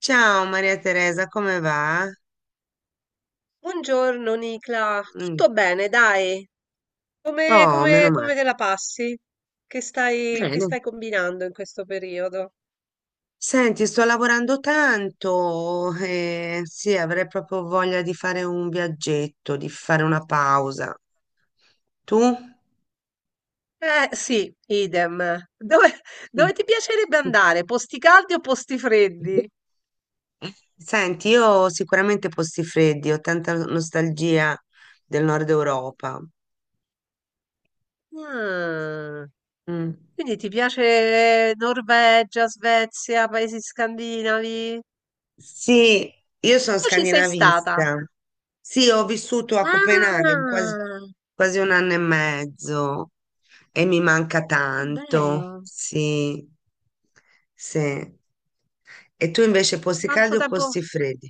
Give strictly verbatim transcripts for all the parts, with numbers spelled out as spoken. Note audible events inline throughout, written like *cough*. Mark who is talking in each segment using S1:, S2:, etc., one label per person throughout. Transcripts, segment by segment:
S1: Ciao Maria Teresa, come va?
S2: Buongiorno Nicla,
S1: Mm.
S2: tutto bene, dai. Come,
S1: Oh, meno
S2: come-
S1: male.
S2: come te la passi? Che stai, che
S1: Bene.
S2: stai combinando in questo periodo?
S1: Senti, sto lavorando tanto e sì, avrei proprio voglia di fare un viaggetto, di fare una pausa. Tu?
S2: Eh sì, idem. Dove,
S1: Sì.
S2: dove ti piacerebbe andare? Posti caldi o posti freddi?
S1: Senti, io ho sicuramente posti freddi, ho tanta nostalgia del nord Europa.
S2: Mm.
S1: Mm.
S2: Quindi ti piace Norvegia, Svezia, paesi scandinavi?
S1: Sì, io sono
S2: Tu ci sei stata?
S1: scandinavista. Sì, ho vissuto a Copenaghen quasi,
S2: Ah,
S1: quasi un anno e mezzo e mi manca
S2: che bello!
S1: tanto. Sì, sì. E tu invece posti
S2: Quanto
S1: caldi o
S2: tempo?
S1: posti freddi?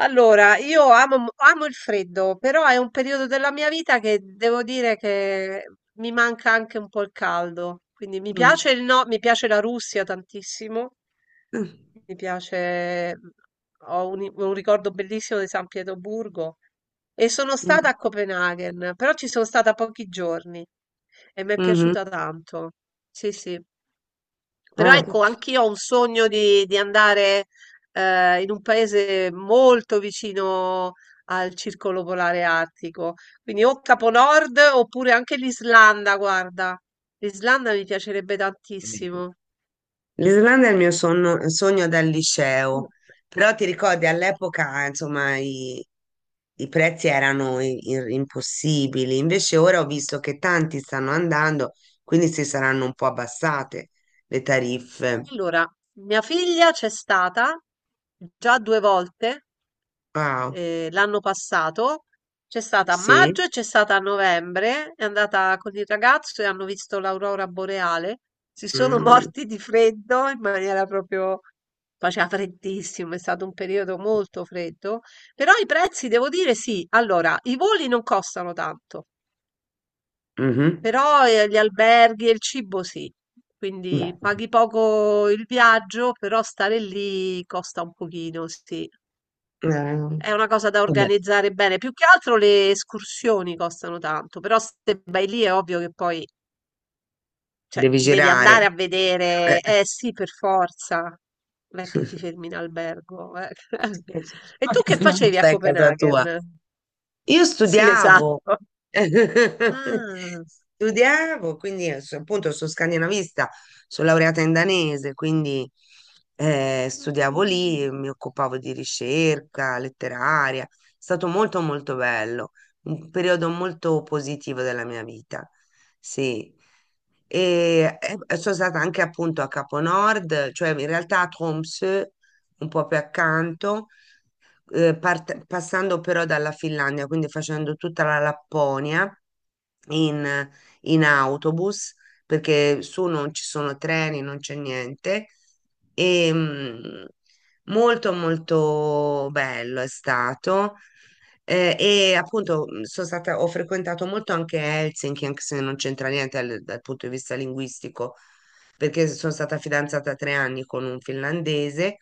S2: Allora, io amo, mo- amo il freddo, però è un periodo della mia vita che devo dire che mi manca anche un po' il caldo. Quindi mi
S1: Mm.
S2: piace il no, mi piace la Russia tantissimo,
S1: Mm.
S2: mi piace, mhmm, ho un, un ricordo bellissimo di San Pietroburgo e sono
S1: Mm.
S2: stata a Copenaghen, però ci sono stata pochi giorni e mi è
S1: Mhm.
S2: piaciuta tanto. Sì, sì. Però
S1: Eh.
S2: ecco, anch'io ho un sogno di, di andare eh, in un paese molto vicino al circolo polare artico, quindi o Capo Nord oppure anche l'Islanda, guarda. L'Islanda mi piacerebbe tantissimo.
S1: L'Islanda è il mio sonno- sogno dal liceo, però ti ricordi all'epoca, insomma, i- i prezzi erano i- i- impossibili. Invece ora ho visto che tanti stanno andando, quindi si saranno un po' abbassate le tariffe.
S2: Allora, mia figlia c'è stata già due volte
S1: Wow,
S2: eh, l'anno passato, c'è stata a
S1: sì.
S2: maggio e c'è stata a novembre, è andata con il ragazzo e hanno visto l'aurora boreale, si sono *laughs*
S1: Mm,
S2: morti di freddo in maniera proprio. Faceva freddissimo, è stato un periodo molto freddo, però i prezzi, devo dire, sì. Allora, i voli non costano tanto,
S1: mhm.
S2: però eh, gli alberghi e il cibo sì. Quindi
S1: Beh,
S2: paghi poco il viaggio, però stare lì costa un pochino, sì.
S1: eh,
S2: È una cosa da
S1: vabbè,
S2: organizzare bene. Più che altro le escursioni costano tanto, però se vai lì è ovvio che poi, cioè,
S1: devi
S2: devi
S1: girare.
S2: andare a
S1: Eh.
S2: vedere. Eh sì, per forza. Non è che ti fermi in albergo, eh. *laughs* E tu
S1: *laughs*
S2: che
S1: Se no
S2: facevi a
S1: stai *laughs* a casa tua.
S2: Copenaghen?
S1: Io
S2: Sì,
S1: studiavo,
S2: esatto.
S1: *laughs*
S2: Ah.
S1: studiavo, quindi eh, so- appunto sono scandinavista, sono laureata in danese, quindi eh, studiavo
S2: Mm.
S1: lì, mi occupavo di ricerca letteraria, è stato molto molto bello, un periodo molto positivo della mia vita, sì. E eh, sono stata anche appunto a Capo Nord, cioè in realtà a Tromsø, un po' più accanto eh, part- passando però dalla Finlandia, quindi facendo tutta la Lapponia in, in, autobus, perché su non ci sono treni, non c'è niente. E, mm, molto molto bello è stato. Eh, e appunto mh, sono stata, ho frequentato molto anche Helsinki, anche se non c'entra niente al- dal punto di vista linguistico, perché sono stata fidanzata tre anni con un finlandese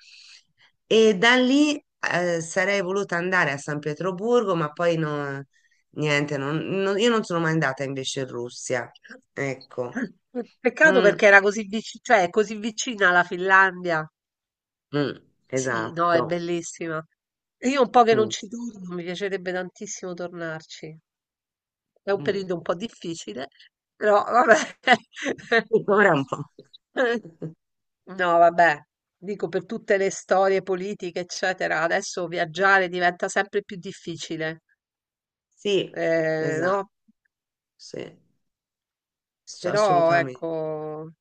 S1: e da lì eh, sarei voluta andare a San Pietroburgo, ma poi no, niente, non- non- io non sono mai andata invece in Russia. Ecco,
S2: Peccato
S1: mm,
S2: perché era così vicina, cioè, è così vicina alla Finlandia.
S1: mm,
S2: Sì, no, è
S1: esatto.
S2: bellissima. Io un po' che non
S1: Mm,
S2: ci torno, mi piacerebbe tantissimo tornarci. È un
S1: mm.
S2: periodo un po' difficile, però vabbè.
S1: Ora un po'.
S2: *laughs*
S1: *laughs*
S2: No, vabbè, dico per tutte le storie politiche, eccetera, adesso viaggiare diventa sempre più difficile,
S1: Sì,
S2: eh,
S1: esatto,
S2: no?
S1: sì, s-
S2: Però
S1: assolutamente.
S2: ecco,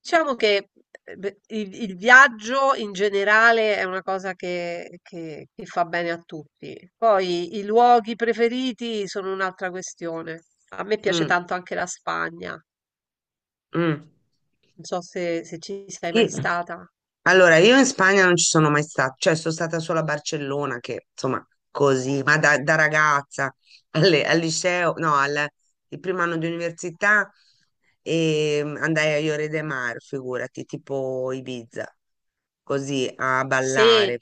S2: diciamo che eh, beh, il, il viaggio in generale è una cosa che, che- che fa bene a tutti. Poi i luoghi preferiti sono un'altra questione. A me piace
S1: Mm,
S2: tanto anche la Spagna.
S1: mm.
S2: Non so se, se ci sei mai
S1: Io-
S2: stata.
S1: Allora, io in Spagna non ci sono mai stata, cioè sono stata solo a Barcellona, che insomma così, ma da, da ragazza alle- al liceo, no, al il primo anno di università e mm, andai a Lloret de Mar, figurati, tipo Ibiza, così a ballare,
S2: Se
S1: sì,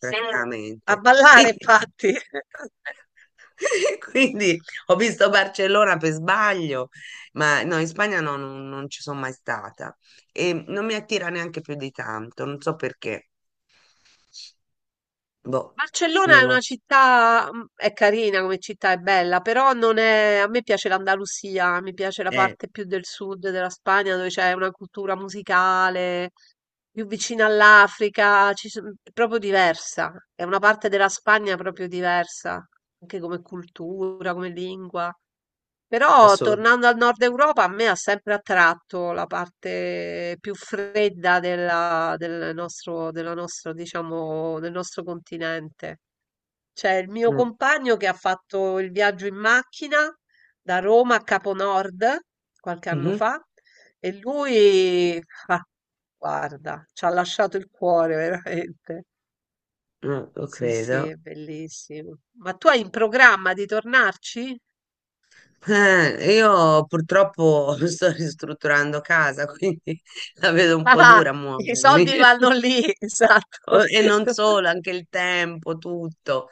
S2: a
S1: praticamente.
S2: ballare,
S1: *laughs* Quindi,
S2: infatti. *laughs*
S1: quindi ho visto Barcellona per sbaglio, ma no, in Spagna no, non non ci sono mai stata e non mi attira neanche più di tanto, non so perché. Boh,
S2: Barcellona è
S1: non lo
S2: una
S1: so.
S2: città, mm, è carina come città, è bella, però non è, a me piace l'Andalusia, mi piace la
S1: Eh,
S2: parte più del sud della Spagna dove c'è una cultura musicale più vicina all'Africa, ci son- è proprio diversa. È una parte della Spagna proprio diversa, anche come cultura, come lingua. Però
S1: assolutamente.
S2: tornando al nord Europa, a me ha sempre attratto la parte più fredda della, del nostro, della nostro, diciamo, del nostro continente. C'è il mio
S1: Mm,
S2: compagno che ha fatto il viaggio in macchina da Roma a Capo Nord qualche anno
S1: mhm,
S2: fa e lui, ah, guarda, ci ha lasciato il cuore *laughs* veramente.
S1: no, lo
S2: Sì, sì,
S1: credo.
S2: è bellissimo. Ma tu hai in programma di tornarci?
S1: Eh, io purtroppo *laughs* sto ristrutturando casa, quindi *laughs* la vedo un po'
S2: Ah,
S1: dura a
S2: i
S1: muovermi.
S2: soldi vanno lì, *laughs*
S1: O-
S2: esatto.
S1: E non
S2: *laughs*
S1: solo, anche il tempo, tutto.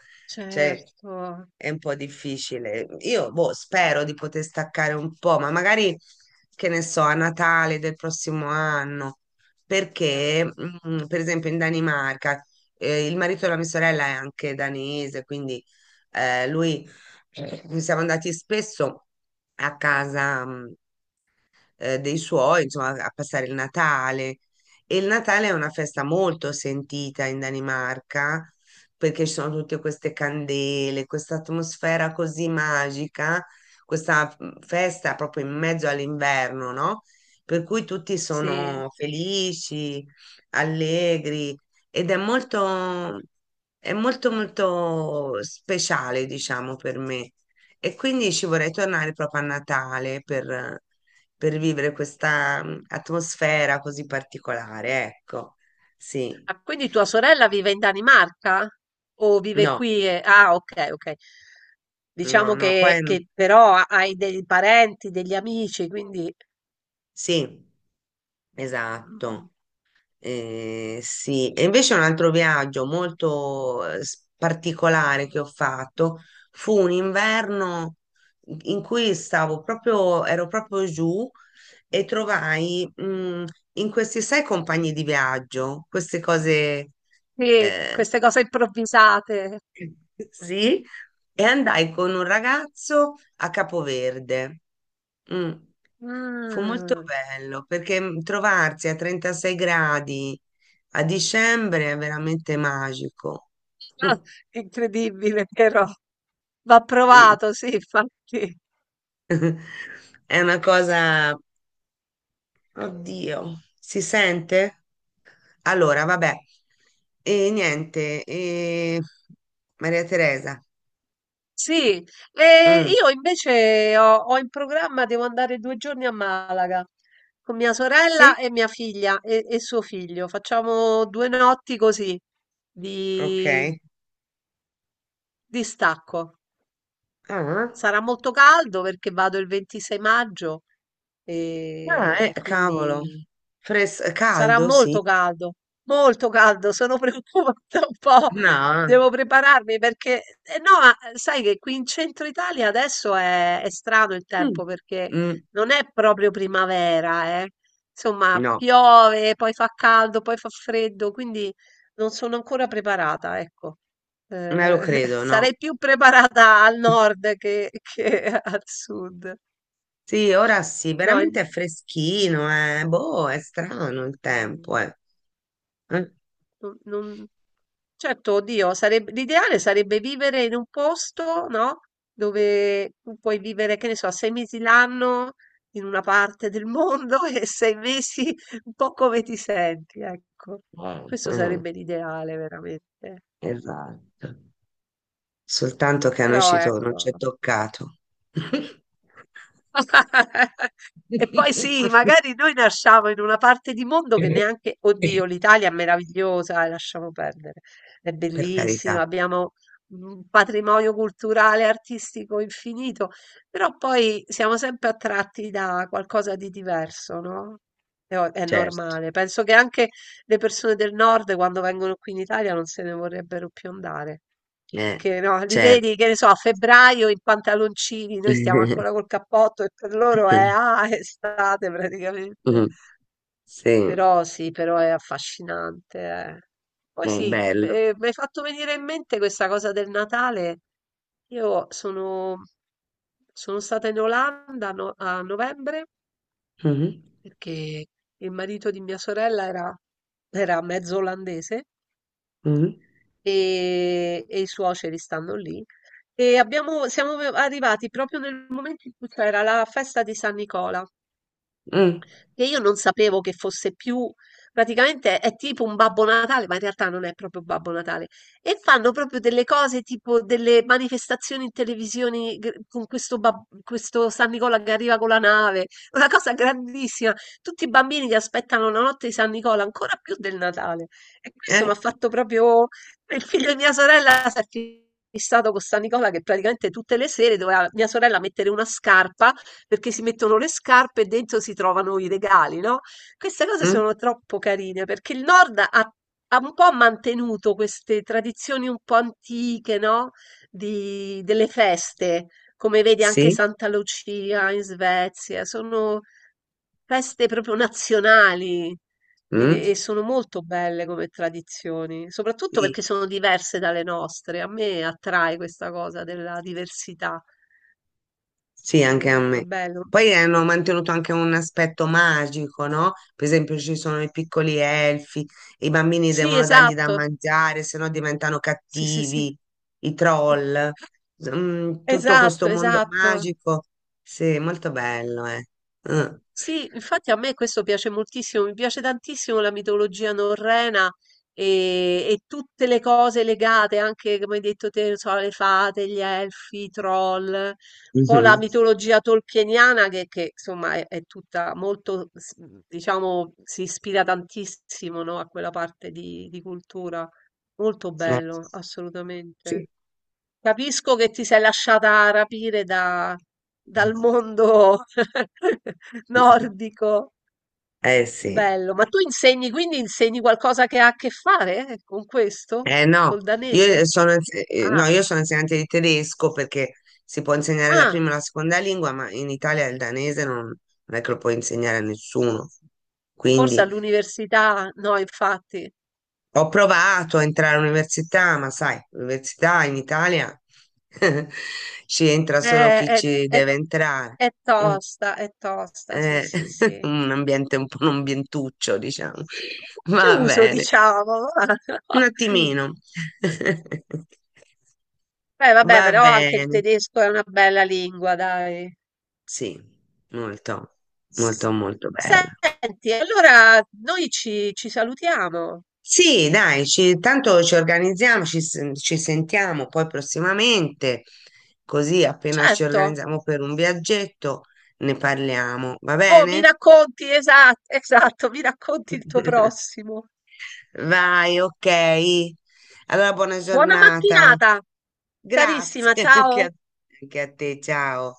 S1: Cioè,
S2: Certo,
S1: è un po' difficile. Io, boh, spero di poter staccare un po', ma magari, che ne so, a Natale del prossimo anno, perché, mm, per esempio, in Danimarca, eh, il marito della mia sorella è anche danese, quindi eh, lui, eh, siamo andati spesso a casa, mm, eh, dei suoi, insomma, a passare il Natale. E il Natale è una festa molto sentita in Danimarca perché ci sono tutte queste candele, questa atmosfera così magica, questa mm, festa proprio in mezzo all'inverno, no? Per cui tutti
S2: sì.
S1: sono felici, allegri ed è molto, è molto, molto speciale, diciamo, per me. E quindi ci vorrei tornare proprio a Natale per, per vivere questa mm, atmosfera così particolare, ecco, sì.
S2: Ah, quindi tua sorella vive in Danimarca? O vive
S1: No,
S2: qui? e- Ah, ok, ok.
S1: no,
S2: Diciamo
S1: no, poi
S2: che,
S1: mm,
S2: che però ha- hai dei parenti, degli amici, quindi
S1: sì,
S2: mm,
S1: esatto. Eh, sì, e invece un altro viaggio molto eh, s- particolare che ho fatto fu un inverno in cui stavo proprio, ero proprio giù e trovai mm, in questi sei compagni di viaggio, queste cose,
S2: sì,
S1: eh,
S2: queste cose improvvisate.
S1: sì, e andai con un ragazzo a Capoverde. Mm, fu molto
S2: Mm.
S1: bello perché mm, trovarsi a trentasei gradi a dicembre è veramente magico.
S2: Ah,
S1: *laughs*
S2: incredibile, però va
S1: Sì.
S2: provato, sì, infatti.
S1: *laughs* È una cosa, oddio, si sente? Allora, vabbè, e niente, e... Maria Teresa.
S2: Sì, e
S1: Mm,
S2: io invece ho, ho in programma, devo andare due giorni a Malaga con mia sorella
S1: sì,
S2: e mia figlia e, e suo figlio. Facciamo due notti così
S1: ok.
S2: di, di stacco.
S1: Ah.
S2: Sarà molto caldo perché vado il ventisei maggio
S1: Ah,
S2: e,
S1: eh,
S2: e
S1: cavolo.
S2: quindi
S1: Fres-
S2: sarà
S1: caldo, sì.
S2: molto caldo, molto caldo, sono *laughs* preoccupata un po',
S1: No.
S2: devo prepararmi perché, eh, no, ma sai che qui in centro Italia adesso è, è strano il tempo
S1: Mm.
S2: perché
S1: Mm,
S2: non è proprio primavera, eh. Insomma,
S1: no,
S2: piove, poi fa caldo, poi fa freddo, quindi non sono ancora preparata, ecco.
S1: non lo
S2: Eh, *laughs*
S1: credo, no.
S2: sarei più preparata al nord che, che *laughs* al sud.
S1: Sì, ora sì,
S2: No,
S1: veramente è
S2: in-
S1: freschino, eh. Boh, è strano il tempo, eh. Eh?
S2: non, non- certo, oddio, sareb- l'ideale sarebbe vivere in un posto, no? Dove tu puoi vivere, che ne so, sei mesi l'anno in una parte del mondo *laughs* e sei mesi un po' come ti senti, ecco.
S1: Eh,
S2: Questo
S1: eh,
S2: sarebbe l'ideale, veramente.
S1: esatto. Soltanto che a noi
S2: Però,
S1: ci to- non ci è
S2: ecco.
S1: toccato. *laughs*
S2: *laughs* E poi sì, magari noi nasciamo in una parte di mondo che neanche, oddio, l'Italia è meravigliosa, eh, lasciamo perdere, è
S1: Per
S2: bellissima,
S1: carità,
S2: abbiamo un patrimonio culturale, artistico infinito, però poi siamo sempre attratti da qualcosa di diverso, no? È, o- è
S1: certo.
S2: normale. Penso che anche le persone del nord, quando vengono qui in Italia, non se ne vorrebbero più andare.
S1: Eh,
S2: Perché no, li
S1: certo.
S2: vedi, che ne so, a febbraio in pantaloncini, noi stiamo
S1: *laughs*
S2: ancora col cappotto e per loro è, ah, *laughs* è estate praticamente.
S1: Mm, sì, è
S2: Però sì, però è affascinante, eh. Poi sì,
S1: bello.
S2: eh, mi hai fatto venire in mente questa cosa del Natale. Io sono, sono stata in Olanda no- a novembre
S1: Mhm,
S2: perché il marito di mia sorella era, era mezzo olandese
S1: mhm,
S2: e, e i suoceri stanno lì. E abbiamo- siamo arrivati proprio nel momento in cui c'era la festa di San Nicola
S1: mm,
S2: che io non sapevo che fosse più, praticamente è tipo un Babbo Natale, ma in realtà non è proprio Babbo Natale. E fanno proprio delle cose tipo delle manifestazioni in televisione gr- con questo, bab- questo San Nicola che arriva con la nave, una cosa grandissima. Tutti i bambini che aspettano la notte di San Nicola, ancora più del Natale. E questo mi ha
S1: eh,
S2: fatto proprio. Il figlio di mia sorella si è fissato con San Nicola che praticamente tutte le sere doveva mia sorella mettere una scarpa perché si mettono le scarpe e dentro si trovano i regali, no? Queste cose
S1: mm,
S2: sono troppo carine perché il Nord ha, ha un po' mantenuto queste tradizioni un po' antiche, no? Di- delle feste, come vedi anche
S1: sì,
S2: Santa Lucia in Svezia, sono feste proprio nazionali.
S1: mm,
S2: E, e sono molto belle come tradizioni, soprattutto perché
S1: sì,
S2: sono diverse dalle nostre. A me attrae questa cosa della diversità.
S1: sì,
S2: È,
S1: anche a
S2: è
S1: me.
S2: bello.
S1: Poi hanno mantenuto anche un aspetto magico, no? Per esempio ci sono i piccoli elfi, i bambini
S2: Sì,
S1: devono dargli da
S2: esatto.
S1: mangiare, se no diventano
S2: Sì, sì, sì.
S1: cattivi, i troll. Mm, tutto questo
S2: Esatto,
S1: mondo
S2: esatto.
S1: magico, sì, molto bello, eh. Mm.
S2: Sì,
S1: *laughs*
S2: infatti a me questo piace moltissimo, mi piace tantissimo la mitologia norrena e, e tutte le cose legate, anche come hai detto te, non so, le fate, gli elfi, i troll, un po' la
S1: Mhm.
S2: mitologia tolkieniana che, che, insomma è, è, tutta molto, s- diciamo, si ispira tantissimo, no, a quella parte di di cultura. Molto
S1: Eh,
S2: bello, assolutamente.
S1: sì.
S2: Capisco che ti sei lasciata rapire da- dal mondo *laughs* nordico.
S1: Eh sì,
S2: Bello, ma tu insegni, quindi insegni qualcosa che ha a che fare, eh, con questo?
S1: eh no,
S2: Col danese?
S1: io sono, eh,
S2: Ah,
S1: no, io sono insegnante di tedesco perché si può insegnare la
S2: ah,
S1: prima e la seconda lingua, ma in Italia il danese non, non, è che lo puoi insegnare a nessuno.
S2: forse
S1: Quindi
S2: all'università, no, infatti.
S1: ho provato a entrare all'università, ma sai, l'università in Italia *laughs* ci entra solo
S2: Eh,
S1: chi
S2: È,
S1: ci
S2: è-
S1: deve entrare.
S2: è
S1: Mm,
S2: tosta, è tosta, sì,
S1: eh,
S2: sì,
S1: *laughs*
S2: sì.
S1: un ambiente un po' un ambientuccio, diciamo. Va
S2: Chiuso,
S1: bene,
S2: diciamo.
S1: un
S2: *laughs*
S1: attimino. *laughs*
S2: Beh,
S1: Va
S2: vabbè, però anche il
S1: bene,
S2: tedesco è una bella lingua, dai.
S1: sì, molto,
S2: S-
S1: molto, molto bella.
S2: Senti, allora noi ci, ci salutiamo,
S1: Sì, dai, ci- tanto ci organizziamo, ci, sen- ci sentiamo poi prossimamente, così appena ci
S2: certo.
S1: organizziamo per un viaggetto ne parliamo, va
S2: Oh, mi
S1: bene?
S2: racconti, esatto, *laughs* esatto, mi racconti il tuo
S1: *laughs*
S2: prossimo.
S1: Vai, ok. Allora, buona
S2: Buona
S1: giornata.
S2: mattinata, carissima,
S1: Grazie *laughs* anche
S2: ciao.
S1: a anche a te, ciao.